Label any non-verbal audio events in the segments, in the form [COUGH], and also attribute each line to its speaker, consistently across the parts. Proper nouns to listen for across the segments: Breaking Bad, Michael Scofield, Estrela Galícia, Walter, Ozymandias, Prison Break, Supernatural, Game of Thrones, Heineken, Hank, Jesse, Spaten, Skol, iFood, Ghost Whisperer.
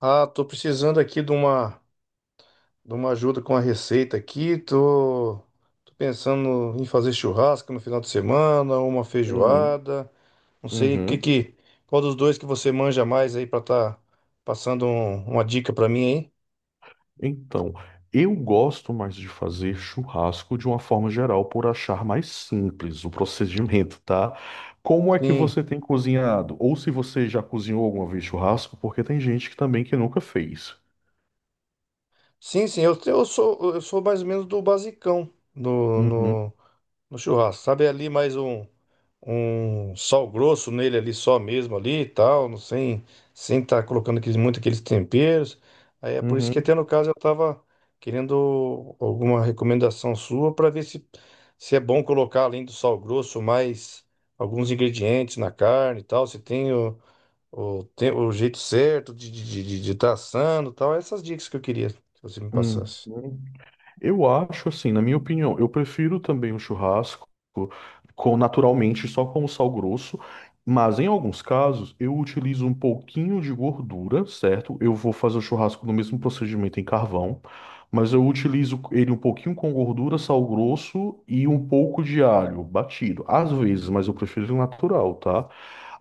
Speaker 1: Ah, tô precisando aqui de uma ajuda com a receita aqui. Tô pensando em fazer churrasco no final de semana, uma
Speaker 2: Uhum,
Speaker 1: feijoada. Não sei
Speaker 2: uhum.
Speaker 1: qual dos dois que você manja mais aí pra tá passando uma dica pra mim aí?
Speaker 2: Então, eu gosto mais de fazer churrasco de uma forma geral por achar mais simples o procedimento, tá? Como é que
Speaker 1: Sim,
Speaker 2: você tem cozinhado? Ou se você já cozinhou alguma vez churrasco, porque tem gente que também que nunca fez.
Speaker 1: sim, sim. Eu sou mais ou menos do basicão no,
Speaker 2: Uhum,
Speaker 1: no, no churrasco. Sabe ali mais um sal grosso nele ali só mesmo ali e tal, não sem estar colocando aqueles, muito aqueles temperos. Aí é por isso que
Speaker 2: uhum,
Speaker 1: até no caso eu tava querendo alguma recomendação sua para ver se é bom colocar além do sal grosso mais alguns ingredientes na carne e tal, se tem tem o jeito certo de estar de tá assando e tal, essas dicas que eu queria que você me
Speaker 2: uhum,
Speaker 1: passasse.
Speaker 2: eu acho assim, na minha opinião, eu prefiro também o churrasco com naturalmente só com o sal grosso, mas em alguns casos eu utilizo um pouquinho de gordura, certo? Eu vou fazer o churrasco no mesmo procedimento em carvão, mas eu utilizo ele um pouquinho com gordura, sal grosso e um pouco de alho batido, às vezes, mas eu prefiro o natural, tá?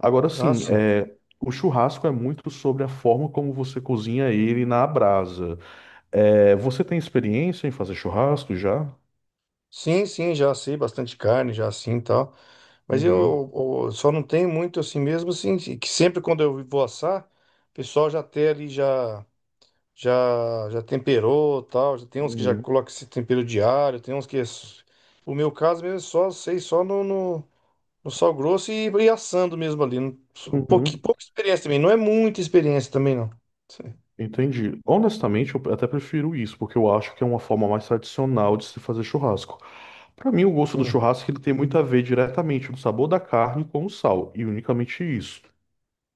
Speaker 2: Agora
Speaker 1: Ah,
Speaker 2: sim,
Speaker 1: sim.
Speaker 2: é, o churrasco é muito sobre a forma como você cozinha ele na brasa. É, você tem experiência em fazer churrasco já?
Speaker 1: Sim, sim, já sei bastante carne, já assim e tal. Mas
Speaker 2: Uhum.
Speaker 1: eu só não tenho muito assim mesmo, assim, que sempre quando eu vou assar, o pessoal já tem ali, já temperou tal. Já tem uns que já
Speaker 2: Uhum.
Speaker 1: colocam esse tempero diário, tem uns que é o meu caso mesmo é só, sei, só no sal grosso e assando mesmo ali. Um pouquinho,
Speaker 2: Uhum.
Speaker 1: pouca experiência também, não é muita experiência também, não. Sim,
Speaker 2: Entendi. Honestamente, eu até prefiro isso, porque eu acho que é uma forma mais tradicional de se fazer churrasco. Para mim, o gosto do churrasco ele tem muito a ver diretamente do sabor da carne com o sal, e unicamente isso.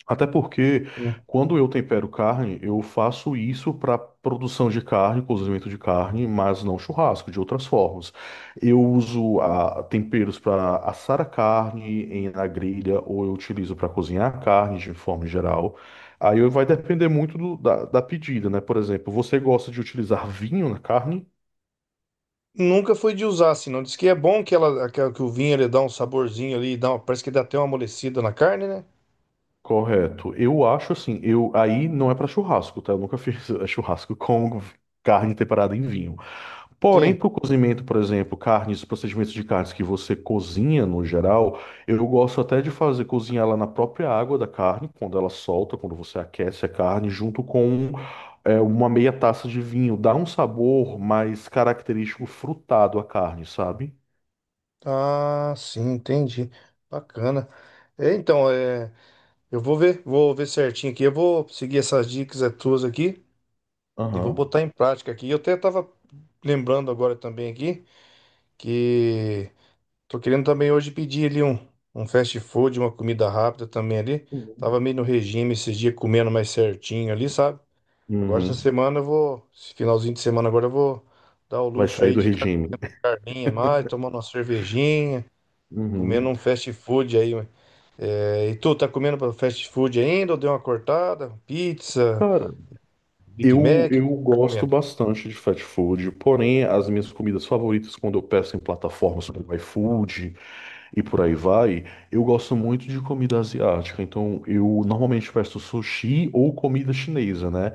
Speaker 2: Até porque
Speaker 1: sim.
Speaker 2: quando eu tempero carne, eu faço isso para produção de carne, cozimento de carne, mas não churrasco, de outras formas. Eu uso temperos para assar a carne em, na grelha, ou eu utilizo para cozinhar a carne de forma geral. Aí vai depender muito da pedida, né? Por exemplo, você gosta de utilizar vinho na carne?
Speaker 1: Nunca foi de usar, assim, não. Diz que é bom que o vinho ele dá um saborzinho ali, dá parece que dá até uma amolecida na carne, né?
Speaker 2: Correto. Eu acho assim, eu aí não é para churrasco, tá? Eu nunca fiz [LAUGHS] churrasco com carne temperada em vinho. Porém,
Speaker 1: Sim.
Speaker 2: para o cozimento, por exemplo, carnes, procedimentos de carnes que você cozinha no geral, eu gosto até de fazer cozinhar ela na própria água da carne, quando ela solta, quando você aquece a carne, junto com uma meia taça de vinho. Dá um sabor mais característico frutado à carne, sabe?
Speaker 1: Ah, sim, entendi. Bacana. É, então, é, eu vou ver certinho aqui. Eu vou seguir essas dicas, é, tuas aqui e vou
Speaker 2: Aham.
Speaker 1: botar em prática aqui. Eu até tava lembrando agora também aqui que tô querendo também hoje pedir ali um fast food, uma comida rápida também ali.
Speaker 2: Uhum.
Speaker 1: Tava meio no regime esses dias comendo mais certinho ali, sabe? Agora essa
Speaker 2: Uhum.
Speaker 1: semana esse finalzinho de semana agora eu vou dar o
Speaker 2: Vai
Speaker 1: luxo
Speaker 2: sair
Speaker 1: aí
Speaker 2: do
Speaker 1: de estar
Speaker 2: regime.
Speaker 1: carninha mais, tomando uma cervejinha, comendo
Speaker 2: Uhum.
Speaker 1: um fast food aí. É, e tu, tá comendo pra fast food ainda ou deu uma cortada? Pizza,
Speaker 2: Cara,
Speaker 1: Big
Speaker 2: eu,
Speaker 1: Mac, o que
Speaker 2: eu
Speaker 1: tu tá
Speaker 2: gosto
Speaker 1: comendo?
Speaker 2: bastante de fast food, porém as minhas comidas favoritas quando eu peço em plataformas como iFood, e por aí vai, eu gosto muito de comida asiática, então eu normalmente peço sushi ou comida chinesa, né?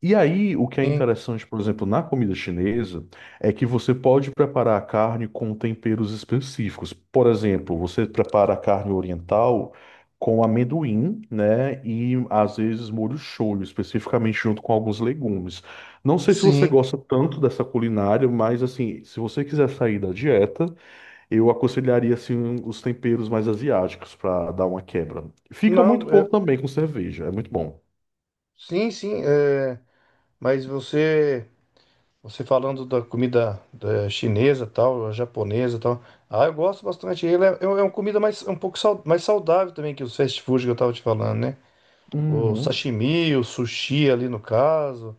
Speaker 2: E aí, o que é
Speaker 1: Sim,
Speaker 2: interessante, por exemplo, na comida chinesa, é que você pode preparar a carne com temperos específicos. Por exemplo, você prepara a carne oriental com amendoim, né? E às vezes molho shoyu, especificamente junto com alguns legumes. Não sei se você
Speaker 1: sim.
Speaker 2: gosta tanto dessa culinária, mas assim, se você quiser sair da dieta, eu aconselharia assim os temperos mais asiáticos para dar uma quebra. Fica muito
Speaker 1: Não, é,
Speaker 2: pouco também com cerveja, é muito bom.
Speaker 1: sim, sim, é, mas você falando da comida da chinesa tal, a japonesa tal, ah, eu gosto bastante. Ele é uma comida mais, um pouco mais saudável também que os fast food que eu tava te falando, né? O
Speaker 2: Uhum,
Speaker 1: sashimi, o sushi ali no caso,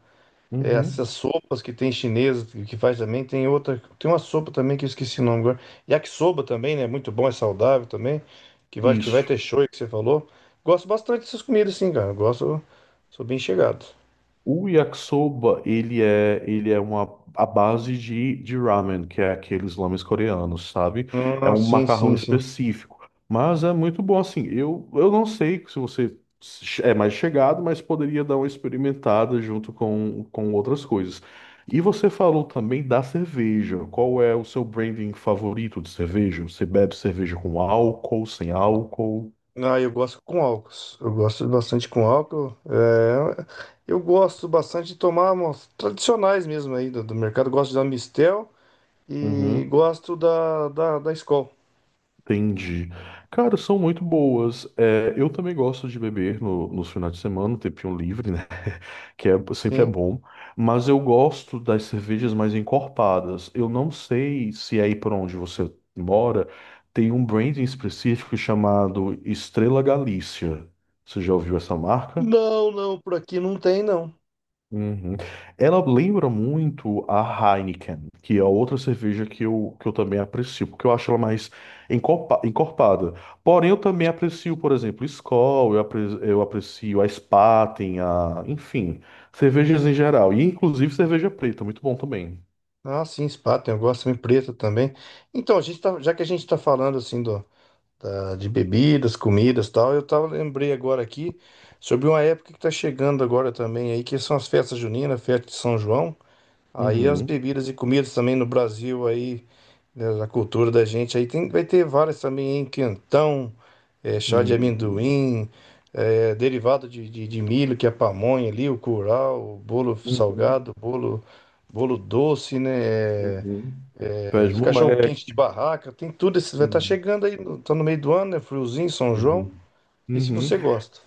Speaker 1: é, essas
Speaker 2: uhum.
Speaker 1: sopas que tem chinesa que faz também, tem outra, tem uma sopa também que eu esqueci o nome agora. Yakisoba também, né? Muito bom, é saudável também, que vai
Speaker 2: Isso.
Speaker 1: ter shoyu que você falou. Gosto bastante dessas comidas sim, cara. Eu Gosto, sou bem chegado.
Speaker 2: O yakisoba, ele é uma a base de ramen, que é aqueles lames coreanos, sabe? É
Speaker 1: Ah,
Speaker 2: um
Speaker 1: sim,
Speaker 2: macarrão
Speaker 1: sim, sim.
Speaker 2: específico, mas é muito bom assim. Eu não sei se você é mais chegado, mas poderia dar uma experimentada junto com outras coisas. E você falou também da cerveja. Qual é o seu branding favorito de cerveja? Você bebe cerveja com álcool, sem álcool?
Speaker 1: Ah, eu gosto com álcool. Eu gosto bastante com álcool. É, eu gosto bastante de tomar umas tradicionais mesmo aí do mercado. Gosto da Mistel e
Speaker 2: Uhum.
Speaker 1: gosto da Skol.
Speaker 2: Entendi. Cara, são muito boas. É, eu também gosto de beber no, nos finais de semana, no tempinho livre, né? [LAUGHS] Que é, sempre é
Speaker 1: Sim.
Speaker 2: bom. Mas eu gosto das cervejas mais encorpadas. Eu não sei se é aí por onde você mora tem um branding específico chamado Estrela Galícia. Você já ouviu essa marca?
Speaker 1: Não, não, por aqui não tem, não.
Speaker 2: Uhum. Ela lembra muito a Heineken, que é outra cerveja que eu também aprecio, porque eu acho ela mais encorpada. Porém, eu também aprecio, por exemplo, Skol, eu aprecio a Spaten, a... enfim, cervejas em geral. E inclusive cerveja preta, muito bom também.
Speaker 1: Ah, sim, spa, tem, eu gosto também preta também. Então, a gente tá, já que a gente tá falando assim de bebidas, comidas e tal, eu tava, lembrei agora aqui sobre uma época que tá chegando agora também aí, que são as festas juninas, festa de São João. Aí as
Speaker 2: Uhum.
Speaker 1: bebidas e comidas também no Brasil aí, né. A cultura da gente aí tem, vai ter várias também, hein? Quentão, chá de
Speaker 2: Uhum.
Speaker 1: amendoim, eh, derivado de milho, que é a pamonha ali, o curau, o bolo
Speaker 2: Uhum.
Speaker 1: salgado, bolo doce, né?
Speaker 2: Uhum. Pés
Speaker 1: Cachorro quente de
Speaker 2: moleque.
Speaker 1: barraca, tem tudo. Esses, vai estar
Speaker 2: Uhum.
Speaker 1: chegando aí, tá no meio do ano, né? Friozinho, São João.
Speaker 2: Uhum.
Speaker 1: E se
Speaker 2: Uhum.
Speaker 1: você gosta?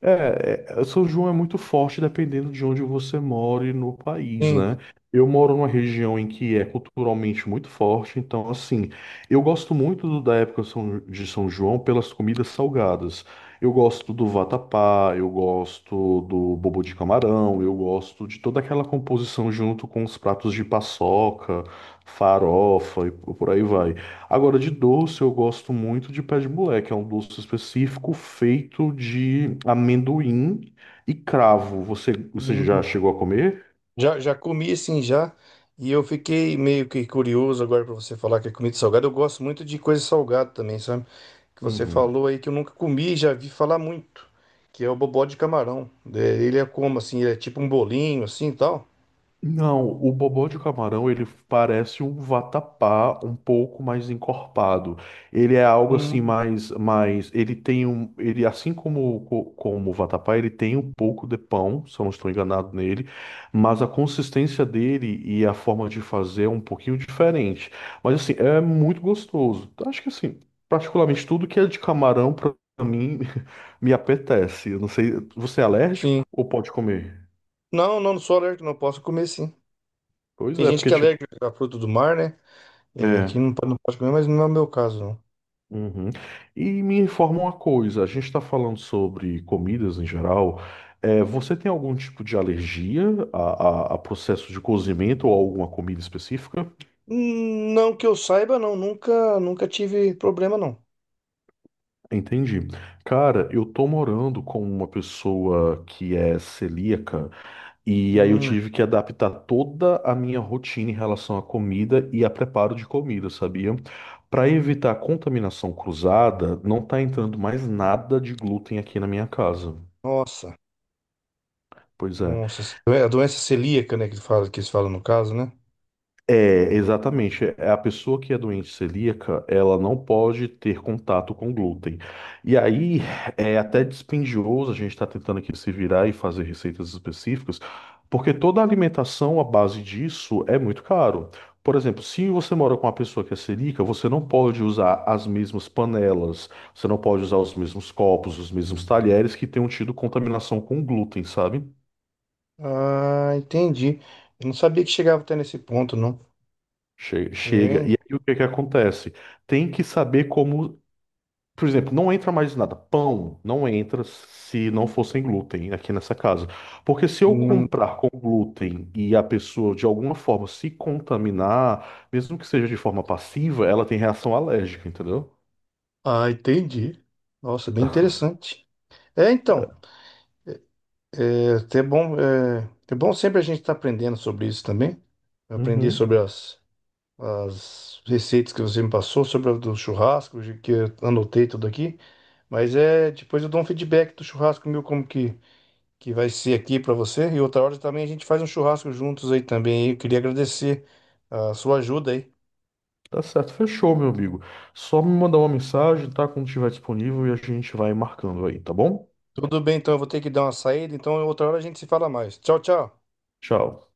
Speaker 2: É, é, São João é muito forte dependendo de onde você mora no país,
Speaker 1: Sim.
Speaker 2: né? Eu moro numa região em que é culturalmente muito forte, então, assim, eu gosto muito da época de São João pelas comidas salgadas. Eu gosto do vatapá, eu gosto do bobo de camarão, eu gosto de toda aquela composição junto com os pratos de paçoca, farofa e por aí vai. Agora, de doce, eu gosto muito de pé de moleque. É um doce específico feito de amendoim e cravo. Você já chegou a comer?
Speaker 1: Já, já comi assim já, e eu fiquei meio que curioso agora para você falar que é comida salgada. Eu gosto muito de coisa salgada também, sabe? Que você
Speaker 2: Uhum.
Speaker 1: falou aí que eu nunca comi e já vi falar muito, que é o bobó de camarão. É, ele é como assim, ele é tipo um bolinho assim e tal.
Speaker 2: Não, o bobó de camarão ele parece um vatapá um pouco mais encorpado. Ele é algo assim
Speaker 1: Hum,
Speaker 2: mais, ele tem um, ele assim como como o vatapá ele tem um pouco de pão, se eu não estou enganado nele, mas a consistência dele e a forma de fazer é um pouquinho diferente. Mas assim é muito gostoso. Acho que assim particularmente tudo que é de camarão para mim [LAUGHS] me apetece. Eu não sei, você é alérgico
Speaker 1: Sim.
Speaker 2: ou pode comer?
Speaker 1: Não, não, não sou alérgico, não posso comer sim.
Speaker 2: Pois
Speaker 1: Tem
Speaker 2: é,
Speaker 1: gente
Speaker 2: porque
Speaker 1: que é
Speaker 2: tipo
Speaker 1: alérgica a fruta do mar, né? É, que
Speaker 2: é.
Speaker 1: não, não pode comer, mas não é o meu caso, não.
Speaker 2: Uhum. E me informa uma coisa, a gente está falando sobre comidas em geral. É, você tem algum tipo de alergia a, a processo de cozimento ou alguma comida específica?
Speaker 1: Hum. Não que eu saiba, não. Nunca, nunca tive problema, não.
Speaker 2: Entendi. Cara, eu tô morando com uma pessoa que é celíaca e aí eu
Speaker 1: Hum,
Speaker 2: tive que adaptar toda a minha rotina em relação à comida e a preparo de comida, sabia? Para evitar contaminação cruzada, não tá entrando mais nada de glúten aqui na minha casa.
Speaker 1: nossa.
Speaker 2: Pois é.
Speaker 1: Nossa, é a doença celíaca, né, que eles falam no caso, né?
Speaker 2: É, exatamente. É, a pessoa que é doente celíaca, ela não pode ter contato com glúten. E aí é até dispendioso a gente estar tentando aqui se virar e fazer receitas específicas, porque toda a alimentação à base disso é muito caro. Por exemplo, se você mora com uma pessoa que é celíaca, você não pode usar as mesmas panelas, você não pode usar os mesmos copos, os mesmos talheres que tenham tido contaminação com glúten, sabe?
Speaker 1: Ah, entendi. Eu não sabia que chegava até nesse ponto, não.
Speaker 2: Chega.
Speaker 1: É.
Speaker 2: E aí o que que acontece? Tem que saber como. Por exemplo, não entra mais nada. Pão não entra se não for sem glúten, aqui nessa casa. Porque se eu
Speaker 1: Hum,
Speaker 2: comprar com glúten e a pessoa de alguma forma se contaminar, mesmo que seja de forma passiva, ela tem reação alérgica, entendeu?
Speaker 1: ah, entendi. Nossa, bem interessante. É, então, é até bom, é bom sempre a gente estar aprendendo sobre isso também. Eu aprendi sobre
Speaker 2: Uhum.
Speaker 1: as receitas que você me passou, sobre a do churrasco, que eu anotei tudo aqui. Mas é, depois eu dou um feedback do churrasco meu, como que vai ser aqui para você. E outra hora também a gente faz um churrasco juntos aí também. Eu queria agradecer a sua ajuda aí.
Speaker 2: Tá certo, fechou, meu amigo. Só me mandar uma mensagem, tá? Quando estiver disponível e a gente vai marcando aí, tá bom?
Speaker 1: Tudo bem, então eu vou ter que dar uma saída, então outra hora a gente se fala mais. Tchau, tchau.
Speaker 2: Tchau.